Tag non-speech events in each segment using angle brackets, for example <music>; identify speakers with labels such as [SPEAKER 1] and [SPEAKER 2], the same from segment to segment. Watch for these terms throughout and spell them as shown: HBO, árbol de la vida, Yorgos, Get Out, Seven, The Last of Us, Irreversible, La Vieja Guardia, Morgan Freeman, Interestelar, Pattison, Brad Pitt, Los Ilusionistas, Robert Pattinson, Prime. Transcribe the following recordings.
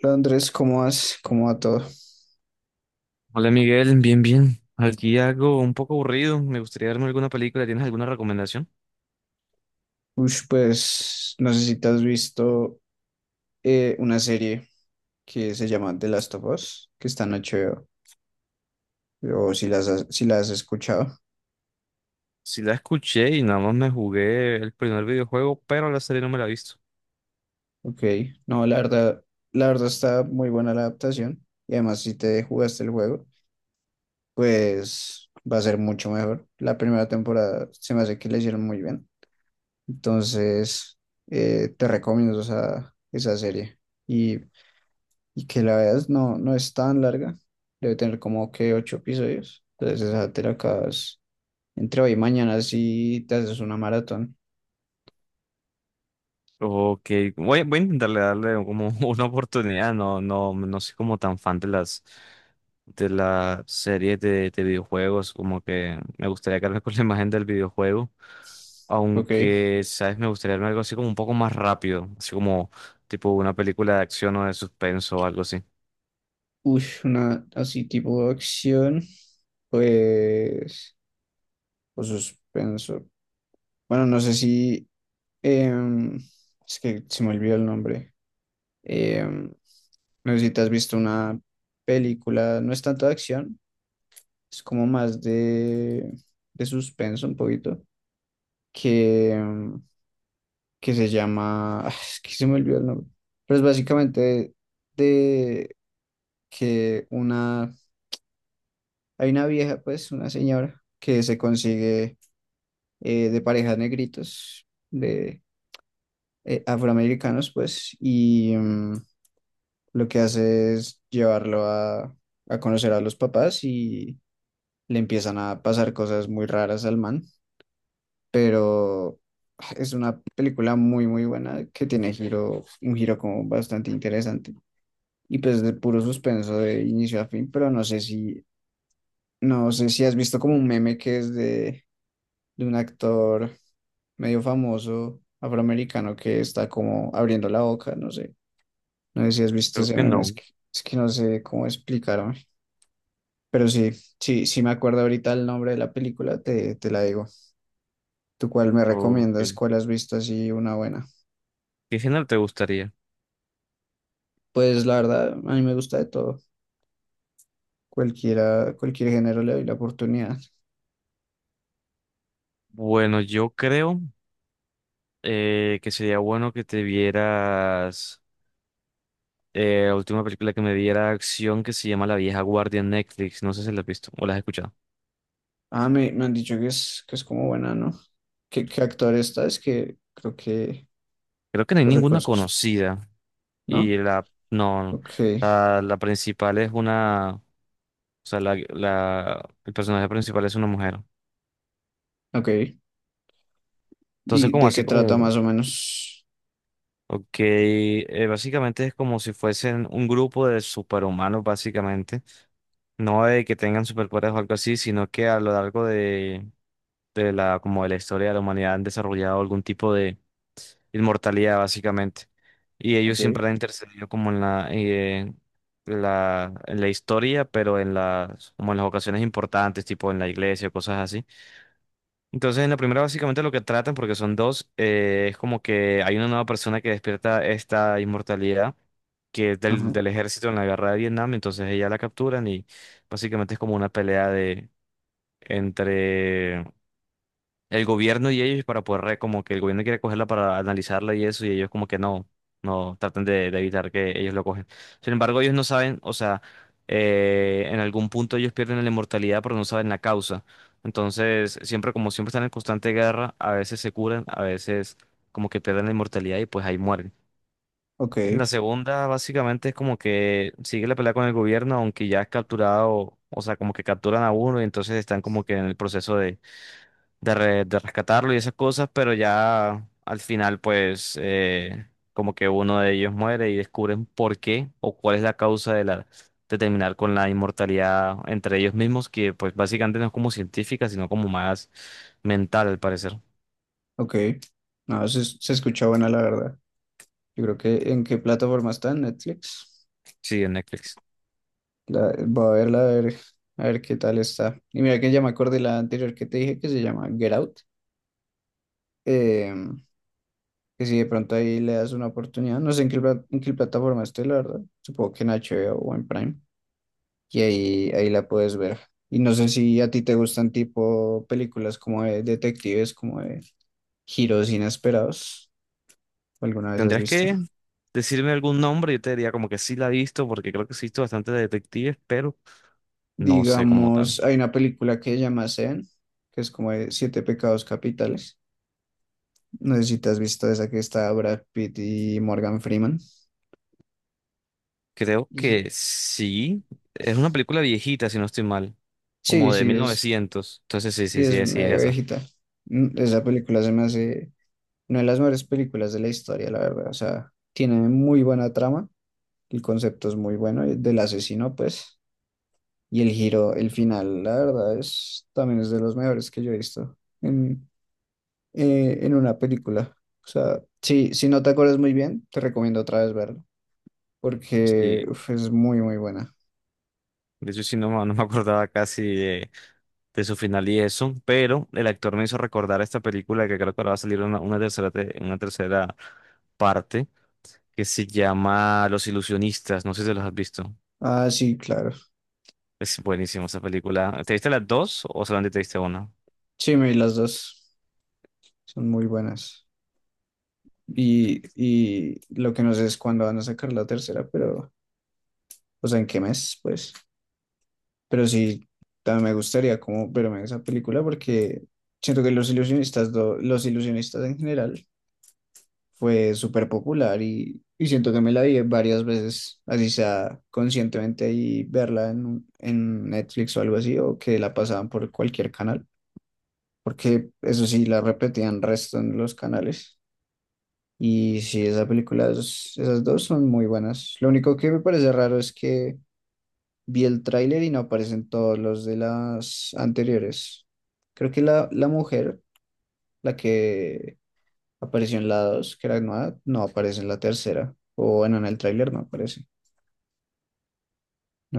[SPEAKER 1] Hola, Andrés, ¿cómo vas? ¿Cómo va todo?
[SPEAKER 2] Hola Miguel, bien, bien. Aquí algo un poco aburrido. Me gustaría verme alguna película. ¿Tienes alguna recomendación?
[SPEAKER 1] Ush, pues no sé si te has visto una serie que se llama The Last of Us, que está en HBO, o si las has, si la has escuchado.
[SPEAKER 2] Sí la escuché y nada más me jugué el primer videojuego, pero la serie no me la he visto.
[SPEAKER 1] Ok, no, la verdad está muy buena la adaptación y además si te jugaste el juego, pues va a ser mucho mejor. La primera temporada se me hace que la hicieron muy bien, entonces te recomiendo esa, esa serie y y que la veas no, no es tan larga, debe tener como que ocho episodios, entonces esa te la acabas entre hoy y mañana si te haces una maratón,
[SPEAKER 2] Ok, voy a intentarle darle como <laughs> una oportunidad. No, no, no soy como tan fan de las series de videojuegos. Como que me gustaría quedarme <laughs> con la imagen del videojuego.
[SPEAKER 1] ok,
[SPEAKER 2] Aunque, ¿sabes? Me gustaría verme algo así como un poco más rápido. Así como tipo una película de acción o de suspenso o algo así.
[SPEAKER 1] uy, una así tipo de acción, pues, o suspenso, bueno, no sé si, em, es que se me olvidó el nombre. Em, no sé si te has visto una película, no es tanto de acción, es como más de suspenso un poquito, que que se llama, <sighs> es que se me olvidó el nombre, pero es básicamente de que una, hay una vieja, pues, una señora que se consigue de parejas negritos, de afroamericanos, pues, y lo que hace es llevarlo a conocer a los papás y le empiezan a pasar cosas muy raras al man, pero... <sighs> Es una película muy, muy buena que tiene giro, un giro como bastante interesante. Y pues de puro suspenso de inicio a fin, pero no sé si, no sé si has visto como un meme que es de un actor medio famoso afroamericano que está como abriendo la boca, no sé, no sé si has visto
[SPEAKER 2] Creo
[SPEAKER 1] ese
[SPEAKER 2] que
[SPEAKER 1] meme,
[SPEAKER 2] no.
[SPEAKER 1] es que no sé cómo explicarme, pero sí, sí, sí me acuerdo ahorita el nombre de la película, te la digo. ¿Tú cuál me
[SPEAKER 2] O, ¿qué
[SPEAKER 1] recomiendas? ¿Cuál has visto así una buena?
[SPEAKER 2] qué género te gustaría?
[SPEAKER 1] Pues la verdad, a mí me gusta de todo. Cualquiera, cualquier género le doy la oportunidad.
[SPEAKER 2] Bueno, yo creo que sería bueno que te vieras la última película que me diera acción que se llama La Vieja Guardia en Netflix. No sé si la has visto o la has escuchado.
[SPEAKER 1] Ah, me han dicho que es como buena, ¿no? ¿Qué, qué actor está? Es que creo que
[SPEAKER 2] Creo que no hay
[SPEAKER 1] lo
[SPEAKER 2] ninguna
[SPEAKER 1] reconozco,
[SPEAKER 2] conocida.
[SPEAKER 1] ¿no?
[SPEAKER 2] Y la, no,
[SPEAKER 1] Ok,
[SPEAKER 2] la principal es una, o sea, el personaje principal es una mujer.
[SPEAKER 1] ok.
[SPEAKER 2] Entonces,
[SPEAKER 1] ¿Y
[SPEAKER 2] como
[SPEAKER 1] de
[SPEAKER 2] así
[SPEAKER 1] qué trata
[SPEAKER 2] como,
[SPEAKER 1] más o menos?
[SPEAKER 2] ok, básicamente es como si fuesen un grupo de superhumanos, básicamente. No de que tengan superpoderes o algo así, sino que a lo largo de, como de la historia de la humanidad han desarrollado algún tipo de inmortalidad, básicamente. Y ellos
[SPEAKER 1] Ok,
[SPEAKER 2] siempre han intercedido como en la, en la historia, pero en las, como en las ocasiones importantes, tipo en la iglesia, cosas así. Entonces, en la primera, básicamente lo que tratan, porque son dos, es como que hay una nueva persona que despierta esta inmortalidad, que es del,
[SPEAKER 1] ajá,
[SPEAKER 2] del ejército en la guerra de Vietnam, entonces ella la capturan y básicamente es como una pelea de entre el gobierno y ellos para poder, como que el gobierno quiere cogerla para analizarla y eso, y ellos como que no, no tratan de evitar que ellos lo cogen. Sin embargo, ellos no saben, o sea, en algún punto ellos pierden la inmortalidad, pero no saben la causa. Entonces, siempre, como siempre están en constante guerra, a veces se curan, a veces como que pierden la inmortalidad y pues ahí mueren.
[SPEAKER 1] ok,
[SPEAKER 2] La segunda básicamente es como que sigue la pelea con el gobierno, aunque ya es capturado, o sea, como que capturan a uno y entonces están como que en el proceso de rescatarlo y esas cosas, pero ya al final pues como que uno de ellos muere y descubren por qué o cuál es la causa de la de terminar con la inmortalidad entre ellos mismos, que pues básicamente no es como científica, sino como más mental al parecer.
[SPEAKER 1] ok. No, se escucha buena, la verdad. Yo creo que ¿en qué plataforma está? ¿En Netflix?
[SPEAKER 2] Sí, en Netflix.
[SPEAKER 1] La, voy a verla, a ver qué tal está. Y mira que ya me acordé la anterior que te dije que se llama Get Out. Em, que si de pronto ahí le das una oportunidad, no sé en qué, pla- en qué plataforma esté, la verdad, supongo que en HBO o en Prime, y ahí, ahí la puedes ver. Y no sé si a ti te gustan tipo películas como de detectives, como de giros inesperados, o alguna vez has
[SPEAKER 2] Tendrías
[SPEAKER 1] visto.
[SPEAKER 2] que decirme algún nombre, yo te diría como que sí la he visto, porque creo que sí he visto bastante de detectives, pero no sé cómo tal.
[SPEAKER 1] Digamos, hay una película que se llama Seven, que es como de Siete Pecados Capitales. No sé si te has visto esa que está Brad Pitt y Morgan Freeman.
[SPEAKER 2] Creo
[SPEAKER 1] Y
[SPEAKER 2] que
[SPEAKER 1] sí,
[SPEAKER 2] sí. Es una película viejita, si no estoy mal.
[SPEAKER 1] sí,
[SPEAKER 2] Como de mil novecientos Entonces sí,
[SPEAKER 1] sí
[SPEAKER 2] sí,
[SPEAKER 1] es
[SPEAKER 2] sí, sí, es
[SPEAKER 1] medio
[SPEAKER 2] esa.
[SPEAKER 1] viejita. Esa película se me hace no de las mejores películas de la historia, la verdad. O sea, tiene muy buena trama, el concepto es muy bueno, y del asesino, pues, y el giro, el final, la verdad, es también es de los mejores que yo he visto en, en una película. O sea, sí, si no te acuerdas muy bien, te recomiendo otra vez verlo, porque
[SPEAKER 2] Sí.
[SPEAKER 1] uf, es muy, muy buena.
[SPEAKER 2] De hecho, sí, no, me no me acordaba casi de su final y eso. Pero el actor me hizo recordar esta película que creo que ahora va a salir una tercera, una tercera parte que se llama Los Ilusionistas. No sé si los has visto.
[SPEAKER 1] Ah, sí, claro.
[SPEAKER 2] Es buenísima esa película. ¿Te viste las dos o solamente te viste una?
[SPEAKER 1] Sí, me vi las dos, son muy buenas. Y lo que no sé es cuándo van a sacar la tercera, pero, o sea, ¿en qué mes? Pues. Pero sí, también me gustaría como verme en esa película porque siento que Los Ilusionistas, do- Los Ilusionistas en general fue súper popular y siento que me la vi varias veces, así sea conscientemente y verla en, un- en Netflix o algo así, o que la pasaban por cualquier canal, porque eso sí, la repetían resto en los canales. Y sí, esa película, es- esas dos son muy buenas. Lo único que me parece raro es que vi el tráiler y no aparecen todos los de las anteriores. Creo que la mujer, la que apareció en la 2, que era nueva, no aparece en la tercera. O bueno, en el tráiler no aparece.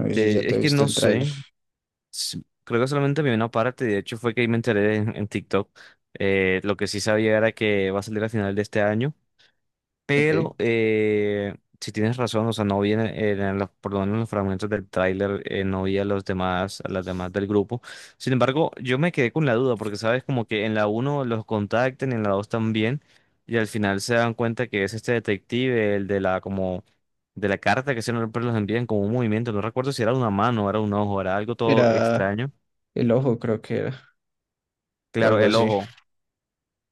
[SPEAKER 1] No sé si ya te
[SPEAKER 2] es que
[SPEAKER 1] viste
[SPEAKER 2] no
[SPEAKER 1] el tráiler.
[SPEAKER 2] sé. Sí, creo que solamente vi una parte, de hecho fue que ahí me enteré en TikTok. Lo que sí sabía era que va a salir a final de este año,
[SPEAKER 1] Ok.
[SPEAKER 2] pero si tienes razón, o sea, no vi en los, por lo menos en los fragmentos del tráiler, no vi a los demás, a las demás del grupo. Sin embargo, yo me quedé con la duda, porque sabes como que en la uno los contactan, en la 2 también, y al final se dan cuenta que es este detective, el de la como de la carta que siempre los envían como un movimiento, no recuerdo si era una mano, era un ojo, era algo todo
[SPEAKER 1] Era
[SPEAKER 2] extraño.
[SPEAKER 1] el ojo, creo que era. O
[SPEAKER 2] Claro,
[SPEAKER 1] algo
[SPEAKER 2] el
[SPEAKER 1] así.
[SPEAKER 2] ojo.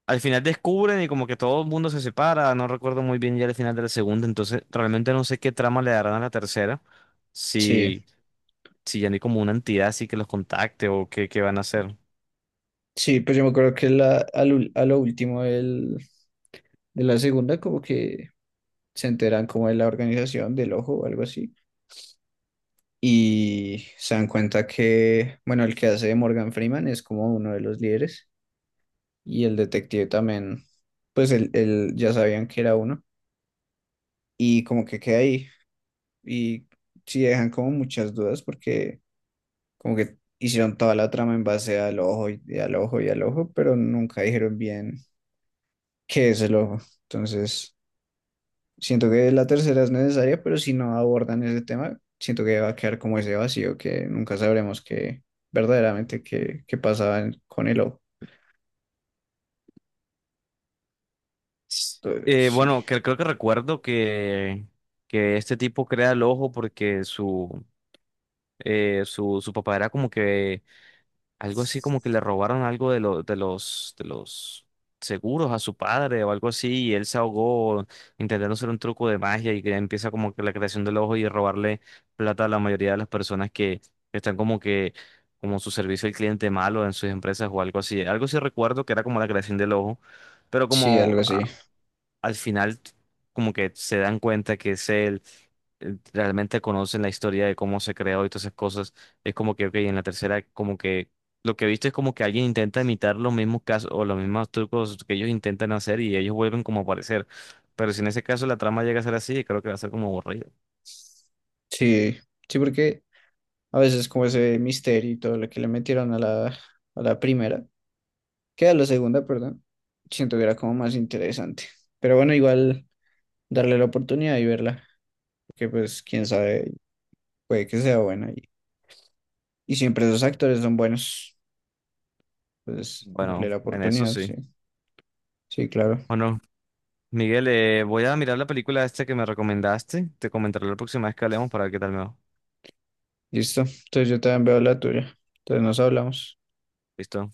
[SPEAKER 2] Al final descubren y como que todo el mundo se separa. No recuerdo muy bien ya el final de la segunda, entonces realmente no sé qué trama le darán a la tercera.
[SPEAKER 1] Sí.
[SPEAKER 2] Si, si ya no hay como una entidad así que los contacte o qué, qué van a hacer.
[SPEAKER 1] Sí, pues yo me acuerdo que la, a lo último del- de la segunda, como que se enteran como de la organización del ojo o algo así. Y se dan cuenta que, bueno, el que hace de Morgan Freeman es como uno de los líderes y el detective también, pues él ya sabían que era uno y como que queda ahí y sí dejan como muchas dudas porque como que hicieron toda la trama en base al ojo y al ojo, pero nunca dijeron bien qué es el ojo. Entonces siento que la tercera es necesaria, pero si no abordan ese tema, siento que va a quedar como ese vacío que nunca sabremos que verdaderamente qué, qué pasaba en- con el O. Entonces, sí,
[SPEAKER 2] Bueno, que, creo que recuerdo que este tipo crea el ojo porque su, su, su papá era como que algo así como que le robaron algo de, de los seguros a su padre o algo así y él se ahogó intentando hacer un truco de magia y que empieza como que la creación del ojo y robarle plata a la mayoría de las personas que están como que como su servicio al cliente malo en sus empresas o algo así. Algo sí recuerdo que era como la creación del ojo, pero
[SPEAKER 1] sí,
[SPEAKER 2] como
[SPEAKER 1] algo así.
[SPEAKER 2] al final como que se dan cuenta que es él, realmente conocen la historia de cómo se creó y todas esas cosas, es como que, ok, en la tercera como que lo que viste es como que alguien intenta imitar los mismos casos o los mismos trucos que ellos intentan hacer y ellos vuelven como a aparecer. Pero si en ese caso la trama llega a ser así, creo que va a ser como aburrido.
[SPEAKER 1] Sí, sí, porque a veces como ese misterio y todo lo que le metieron a la primera, que a la segunda, perdón, siento que era como más interesante. Pero bueno, igual darle la oportunidad y verla, que pues quién sabe, puede que sea buena y siempre esos actores son buenos. Pues darle
[SPEAKER 2] Bueno,
[SPEAKER 1] la
[SPEAKER 2] en eso
[SPEAKER 1] oportunidad, sí.
[SPEAKER 2] sí.
[SPEAKER 1] Sí, claro.
[SPEAKER 2] Bueno, Miguel, voy a mirar la película esta que me recomendaste. Te comentaré la próxima vez que hablemos para ver qué tal me va.
[SPEAKER 1] Listo. Entonces yo también veo la tuya. Entonces nos hablamos.
[SPEAKER 2] ¿Listo?